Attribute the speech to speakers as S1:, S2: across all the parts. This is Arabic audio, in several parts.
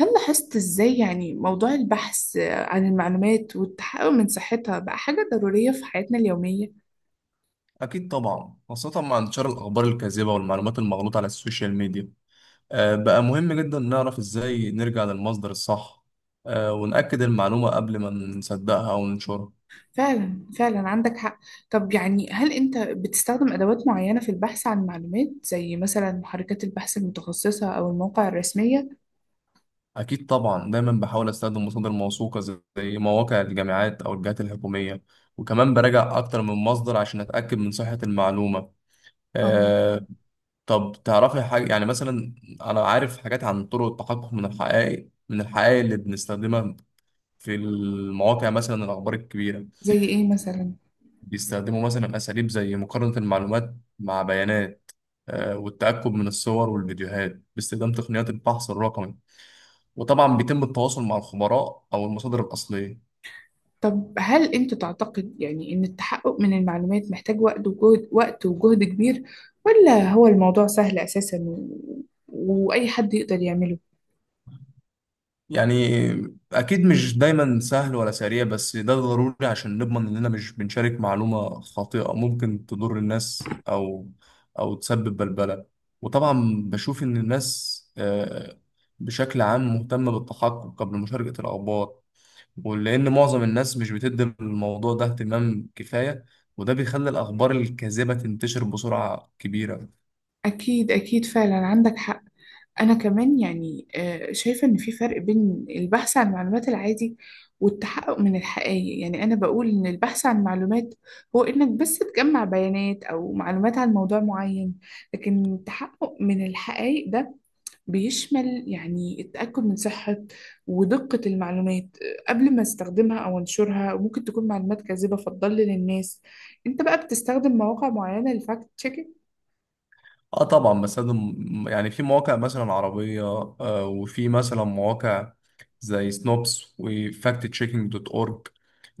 S1: هل لاحظت إزاي يعني موضوع البحث عن المعلومات والتحقق من صحتها بقى حاجة ضرورية في حياتنا اليومية؟
S2: أكيد طبعا، خاصة مع انتشار الأخبار الكاذبة والمعلومات المغلوطة على السوشيال ميديا. بقى مهم جدا نعرف إزاي نرجع للمصدر الصح. ونأكد المعلومة قبل ما نصدقها أو ننشرها.
S1: فعلا عندك حق. طب يعني هل أنت بتستخدم أدوات معينة في البحث عن المعلومات زي مثلا محركات البحث المتخصصة أو المواقع الرسمية؟
S2: أكيد طبعا، دايما بحاول أستخدم مصادر موثوقة زي مواقع الجامعات أو الجهات الحكومية. وكمان براجع أكتر من مصدر عشان أتأكد من صحة المعلومة.
S1: أم
S2: آه، طب تعرفي حاجة؟ يعني مثلا أنا عارف حاجات عن طرق التحقق من الحقائق اللي بنستخدمها في المواقع، مثلا الأخبار الكبيرة.
S1: زي إيه مثلا؟
S2: بيستخدموا مثلا أساليب زي مقارنة المعلومات مع بيانات، والتأكد من الصور والفيديوهات باستخدام تقنيات البحث الرقمي. وطبعا بيتم التواصل مع الخبراء أو المصادر الأصلية.
S1: طب هل أنت تعتقد يعني إن التحقق من المعلومات محتاج وقت وجهد كبير، ولا هو الموضوع سهل أساسا وأي حد يقدر يعمله؟
S2: يعني اكيد مش دايما سهل ولا سريع، بس ده ضروري عشان نضمن اننا مش بنشارك معلومة خاطئة ممكن تضر الناس، او او تسبب بلبلة. وطبعا بشوف ان الناس بشكل عام مهتمة بالتحقق قبل مشاركة الاخبار. ولان معظم الناس مش بتدي الموضوع ده اهتمام كفاية، وده بيخلي الاخبار الكاذبة تنتشر بسرعة كبيرة.
S1: أكيد فعلا عندك حق. أنا كمان يعني شايفة إن في فرق بين البحث عن معلومات العادي والتحقق من الحقائق. يعني أنا بقول إن البحث عن معلومات هو إنك بس تجمع بيانات أو معلومات عن موضوع معين، لكن التحقق من الحقائق ده بيشمل يعني التأكد من صحة ودقة المعلومات قبل ما استخدمها أو أنشرها، وممكن تكون معلومات كاذبة فتضلل الناس. أنت بقى بتستخدم مواقع معينة للفاكت تشيكينج؟
S2: اه طبعا بستخدم. يعني في مواقع مثلا عربية، وفي مثلا مواقع زي سنوبس وفاكت تشيكينج دوت اورج.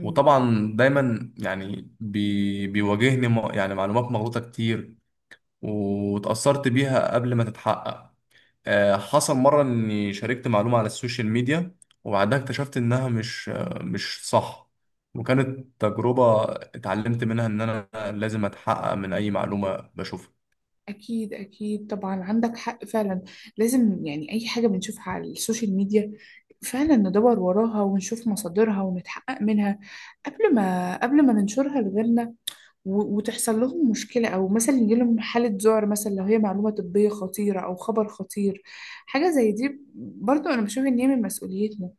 S2: وطبعا دايما يعني بيواجهني يعني معلومات مغلوطة كتير، وتأثرت بيها قبل ما تتحقق. حصل مرة اني شاركت معلومة على السوشيال ميديا، وبعدها اكتشفت انها مش صح. وكانت تجربة اتعلمت منها ان انا لازم اتحقق من اي معلومة بشوفها.
S1: أكيد طبعا عندك حق فعلا. لازم يعني أي حاجة بنشوفها على السوشيال ميديا فعلا ندور وراها ونشوف مصادرها ونتحقق منها قبل ما ننشرها لغيرنا، وتحصل لهم مشكلة أو مثلا يجيلهم حالة ذعر، مثلا لو هي معلومة طبية خطيرة أو خبر خطير. حاجة زي دي برضو أنا بشوف إن هي من مسؤوليتنا.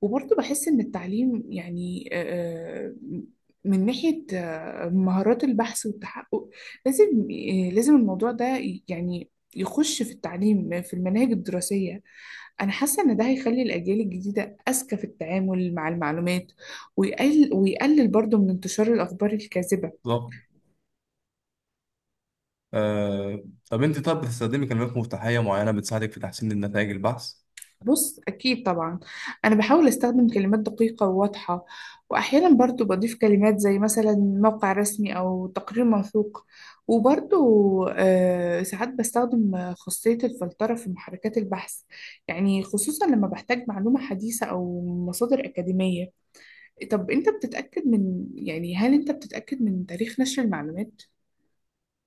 S1: وبرضه بحس إن التعليم يعني من ناحية مهارات البحث والتحقق لازم، لازم الموضوع ده يعني يخش في التعليم في المناهج الدراسية. أنا حاسة إن ده هيخلي الأجيال الجديدة أذكى في التعامل مع المعلومات، ويقلل برضه من انتشار الأخبار الكاذبة.
S2: بالظبط. آه، طب انت بتستخدمي كلمات مفتاحية معينة بتساعدك في تحسين النتائج البحث؟
S1: بص أكيد طبعا، أنا بحاول أستخدم كلمات دقيقة وواضحة، وأحيانا برضو بضيف كلمات زي مثلا موقع رسمي أو تقرير موثوق. وبرضو ساعات بستخدم خاصية الفلترة في محركات البحث، يعني خصوصا لما بحتاج معلومة حديثة أو مصادر أكاديمية. طب أنت بتتأكد من يعني هل أنت بتتأكد من تاريخ نشر المعلومات؟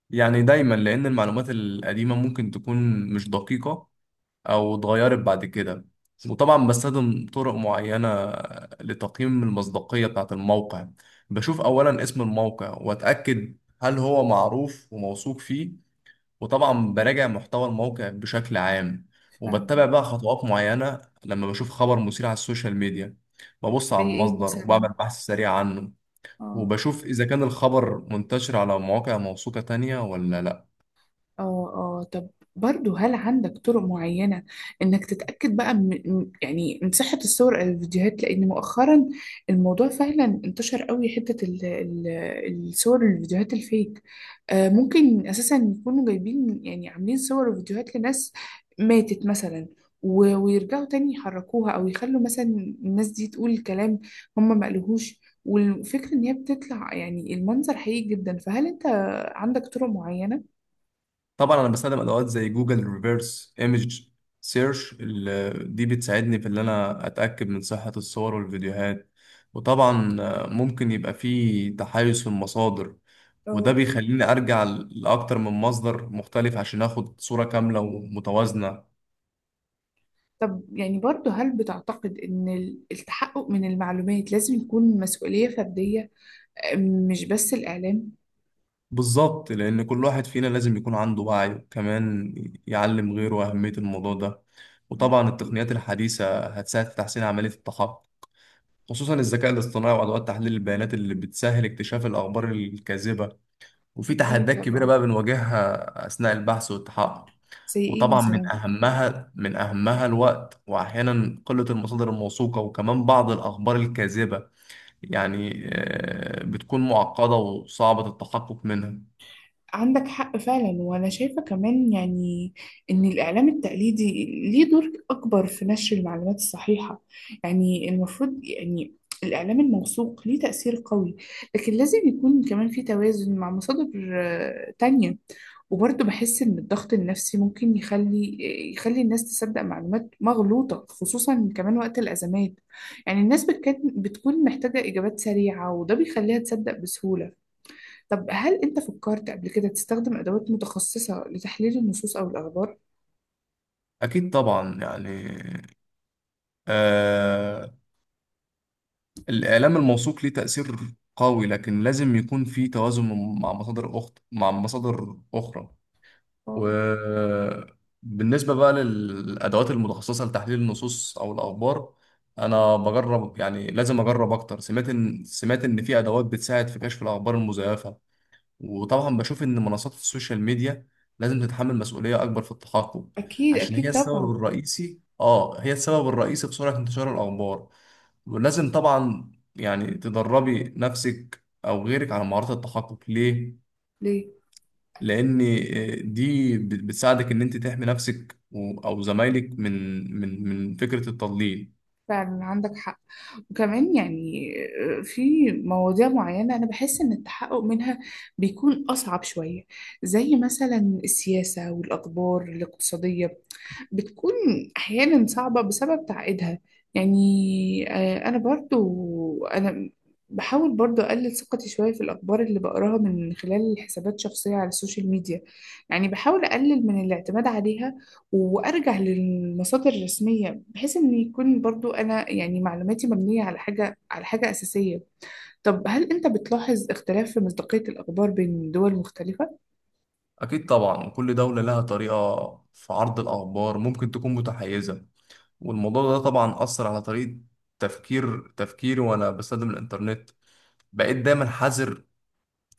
S2: يعني دايما، لأن المعلومات القديمة ممكن تكون مش دقيقة أو اتغيرت بعد كده. وطبعا بستخدم طرق معينة لتقييم المصداقية بتاعة الموقع. بشوف أولا اسم الموقع وأتأكد هل هو معروف وموثوق فيه، وطبعا براجع محتوى الموقع بشكل عام.
S1: فعلا.
S2: وبتبع بقى خطوات معينة لما بشوف خبر مثير على السوشيال ميديا. ببص
S1: زي
S2: على
S1: إيه
S2: المصدر
S1: مثلا؟
S2: وبعمل بحث سريع عنه،
S1: آه.
S2: وبشوف إذا كان الخبر منتشر على مواقع موثوقة تانية ولا لأ.
S1: اه. اه طب، برضو هل عندك طرق معينة انك تتأكد بقى من يعني من صحة الصور او الفيديوهات، لان مؤخرا الموضوع فعلا انتشر قوي. حتة الصور والفيديوهات الفيك آه ممكن اساسا يكونوا جايبين، يعني عاملين صور وفيديوهات لناس ماتت مثلا، ويرجعوا تاني يحركوها، او يخلوا مثلا الناس دي تقول كلام هم ما قالوهوش. والفكرة ان هي بتطلع يعني المنظر حقيقي جدا، فهل انت عندك طرق معينة؟
S2: طبعا انا بستخدم ادوات زي جوجل ريفرس ايمج سيرش. دي بتساعدني في ان انا اتاكد من صحه الصور والفيديوهات. وطبعا ممكن يبقى في تحيز في المصادر، وده
S1: اه
S2: بيخليني ارجع لاكتر من مصدر مختلف عشان اخد صوره كامله ومتوازنه.
S1: طب يعني برضه هل بتعتقد إن التحقق من المعلومات لازم يكون مسؤولية فردية، مش بس الإعلام؟
S2: بالظبط، لان كل واحد فينا لازم يكون عنده وعي، وكمان يعلم غيره اهميه الموضوع ده. وطبعا التقنيات الحديثه هتساعد في تحسين عمليه التحقق، خصوصا الذكاء الاصطناعي وأدوات تحليل البيانات اللي بتسهل اكتشاف الأخبار الكاذبة. وفي
S1: أكيد
S2: تحديات كبيرة
S1: طبعا.
S2: بقى بنواجهها أثناء البحث والتحقق.
S1: زي إيه
S2: وطبعا من
S1: مثلا؟
S2: أهمها من أهمها الوقت، وأحيانا قلة المصادر الموثوقة، وكمان بعض الأخبار الكاذبة يعني بتكون معقدة وصعبة التحقق منها.
S1: عندك حق فعلا. وأنا شايفة كمان يعني إن الإعلام التقليدي ليه دور أكبر في نشر المعلومات الصحيحة. يعني المفروض يعني الإعلام الموثوق ليه تأثير قوي، لكن لازم يكون كمان في توازن مع مصادر تانية. وبرضه بحس إن الضغط النفسي ممكن يخلي الناس تصدق معلومات مغلوطة خصوصا كمان وقت الأزمات. يعني الناس بتكون محتاجة إجابات سريعة وده بيخليها تصدق بسهولة. طب هل أنت فكرت قبل كده تستخدم أدوات متخصصة لتحليل النصوص أو الأخبار؟
S2: أكيد طبعا، يعني آه، الإعلام الموثوق ليه تأثير قوي، لكن لازم يكون في توازن مع مصادر أخرى.
S1: آه.
S2: وبالنسبة بقى للأدوات المتخصصة لتحليل النصوص أو الأخبار، أنا بجرب، يعني لازم أجرب أكتر. سمعت إن في أدوات بتساعد في كشف الأخبار المزيفة. وطبعا بشوف إن منصات السوشيال ميديا لازم تتحمل مسؤولية أكبر في التحقق،
S1: أكيد
S2: عشان
S1: أكيد طبعا.
S2: هي السبب الرئيسي في سرعة انتشار الأخبار. ولازم طبعا يعني تدربي نفسك أو غيرك على مهارات التحقق. ليه؟
S1: ليه؟
S2: لان دي بتساعدك ان انت تحمي نفسك او زمايلك من من فكره التضليل.
S1: فعلا عندك حق. وكمان يعني في مواضيع معينة أنا بحس إن التحقق منها بيكون أصعب شوية، زي مثلا السياسة والأخبار الاقتصادية، بتكون أحيانا صعبة بسبب تعقيدها. يعني أنا برضو أنا بحاول برضو أقلل ثقتي شوية في الأخبار اللي بقراها من خلال حسابات شخصية على السوشيال ميديا، يعني بحاول أقلل من الاعتماد عليها وارجع للمصادر الرسميه، بحيث ان يكون برضو انا يعني معلوماتي مبنيه على حاجه اساسيه. طب هل انت بتلاحظ اختلاف في مصداقيه الاخبار بين دول مختلفه؟
S2: اكيد طبعا، وكل دوله لها طريقه في عرض الاخبار ممكن تكون متحيزه. والموضوع ده طبعا اثر على طريقه تفكيري. وانا بستخدم الانترنت، بقيت دايما حذر،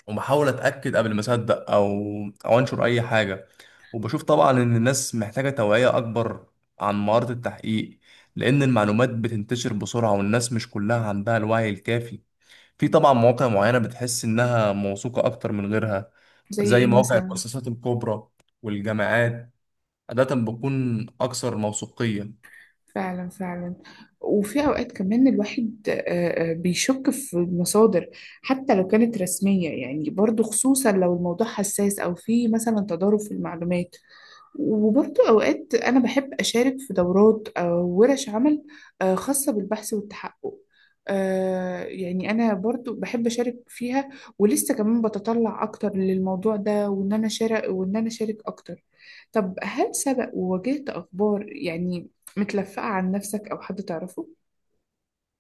S2: وبحاول اتاكد قبل ما اصدق او او انشر اي حاجه. وبشوف طبعا ان الناس محتاجه توعيه اكبر عن مهاره التحقيق، لان المعلومات بتنتشر بسرعه والناس مش كلها عندها الوعي الكافي. في طبعا مواقع معينه بتحس انها موثوقه اكتر من غيرها،
S1: زي
S2: زي
S1: ايه
S2: مواقع
S1: مثلا؟
S2: المؤسسات الكبرى والجامعات، عاده بتكون اكثر موثوقيه.
S1: فعلا. وفي اوقات كمان الواحد بيشك في المصادر حتى لو كانت رسميه، يعني برضو خصوصا لو الموضوع حساس او في مثلا تضارب في المعلومات. وبرضه أوقات أنا بحب أشارك في دورات أو ورش عمل خاصة بالبحث والتحقق. يعني أنا برضه بحب أشارك فيها، ولسه كمان بتطلع أكتر للموضوع ده، وإن أنا أشارك أكتر. طب هل سبق وواجهت أخبار يعني متلفقة عن نفسك أو حد تعرفه؟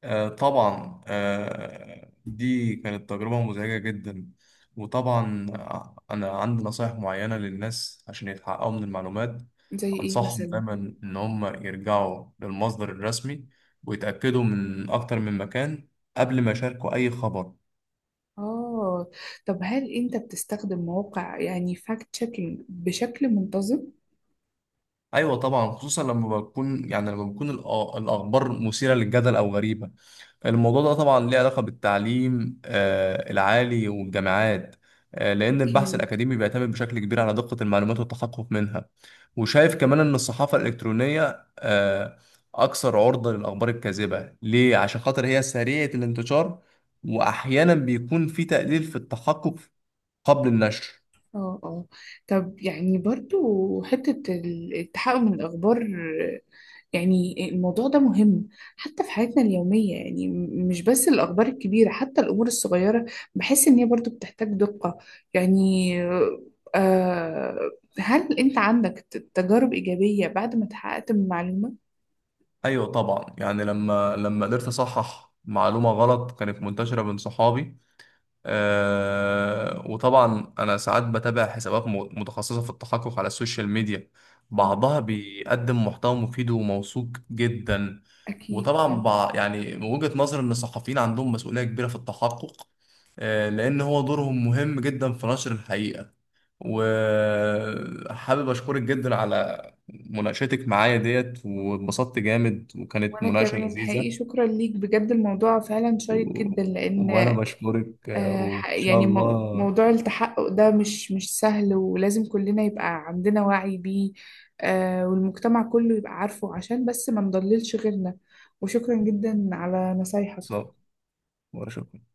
S2: طبعا، دي كانت تجربة مزعجة جدا. وطبعا أنا عندي نصائح معينة للناس عشان يتحققوا من المعلومات.
S1: زي إيه
S2: أنصحهم
S1: مثلا؟
S2: دايما إن هم يرجعوا للمصدر الرسمي، ويتأكدوا من أكتر من مكان قبل ما يشاركوا أي خبر.
S1: آه. طب هل أنت بتستخدم مواقع يعني فاكت تشيكينج بشكل منتظم؟
S2: أيوة طبعا، خصوصا لما بكون، يعني لما بكون الأخبار مثيرة للجدل أو غريبة. الموضوع ده طبعا ليه علاقة بالتعليم العالي والجامعات، لأن البحث الأكاديمي بيعتمد بشكل كبير على دقة المعلومات والتحقق منها. وشايف كمان إن الصحافة الإلكترونية أكثر عرضة للأخبار الكاذبة. ليه؟ عشان خاطر هي سريعة الانتشار، وأحيانا بيكون في تقليل في التحقق قبل النشر.
S1: اه. اه طب يعني برضو حتة التحقق من الأخبار، يعني الموضوع ده مهم حتى في حياتنا اليومية، يعني مش بس الأخبار الكبيرة، حتى الأمور الصغيرة بحس إن هي برضو بتحتاج دقة. يعني آه، هل أنت عندك تجارب إيجابية بعد ما اتحققت من المعلومة؟
S2: أيوة طبعا، يعني لما قدرت أصحح معلومة غلط كانت منتشرة بين صحابي. وطبعا انا ساعات بتابع حسابات متخصصه في التحقق على السوشيال ميديا،
S1: اه
S2: بعضها بيقدم محتوى مفيد وموثوق جدا.
S1: أكيد
S2: وطبعا
S1: فعلا.
S2: يعني من وجهه نظر ان الصحفيين عندهم مسؤوليه كبيره في التحقق، لان هو دورهم مهم جدا في نشر الحقيقه. وحابب اشكرك جدا على مناقشتك معايا ديت، واتبسطت جامد وكانت
S1: وأنا
S2: مناقشه
S1: كمان حقيقي
S2: لذيذه.
S1: شكرا ليك بجد، الموضوع فعلا
S2: و...
S1: شيق جدا لأن
S2: وانا بشكرك، وان شاء
S1: يعني
S2: الله
S1: موضوع التحقق ده مش سهل ولازم كلنا يبقى عندنا وعي بيه، والمجتمع كله يبقى عارفه عشان بس ما نضللش غيرنا. وشكرا جدا على نصايحك.
S2: وأشوف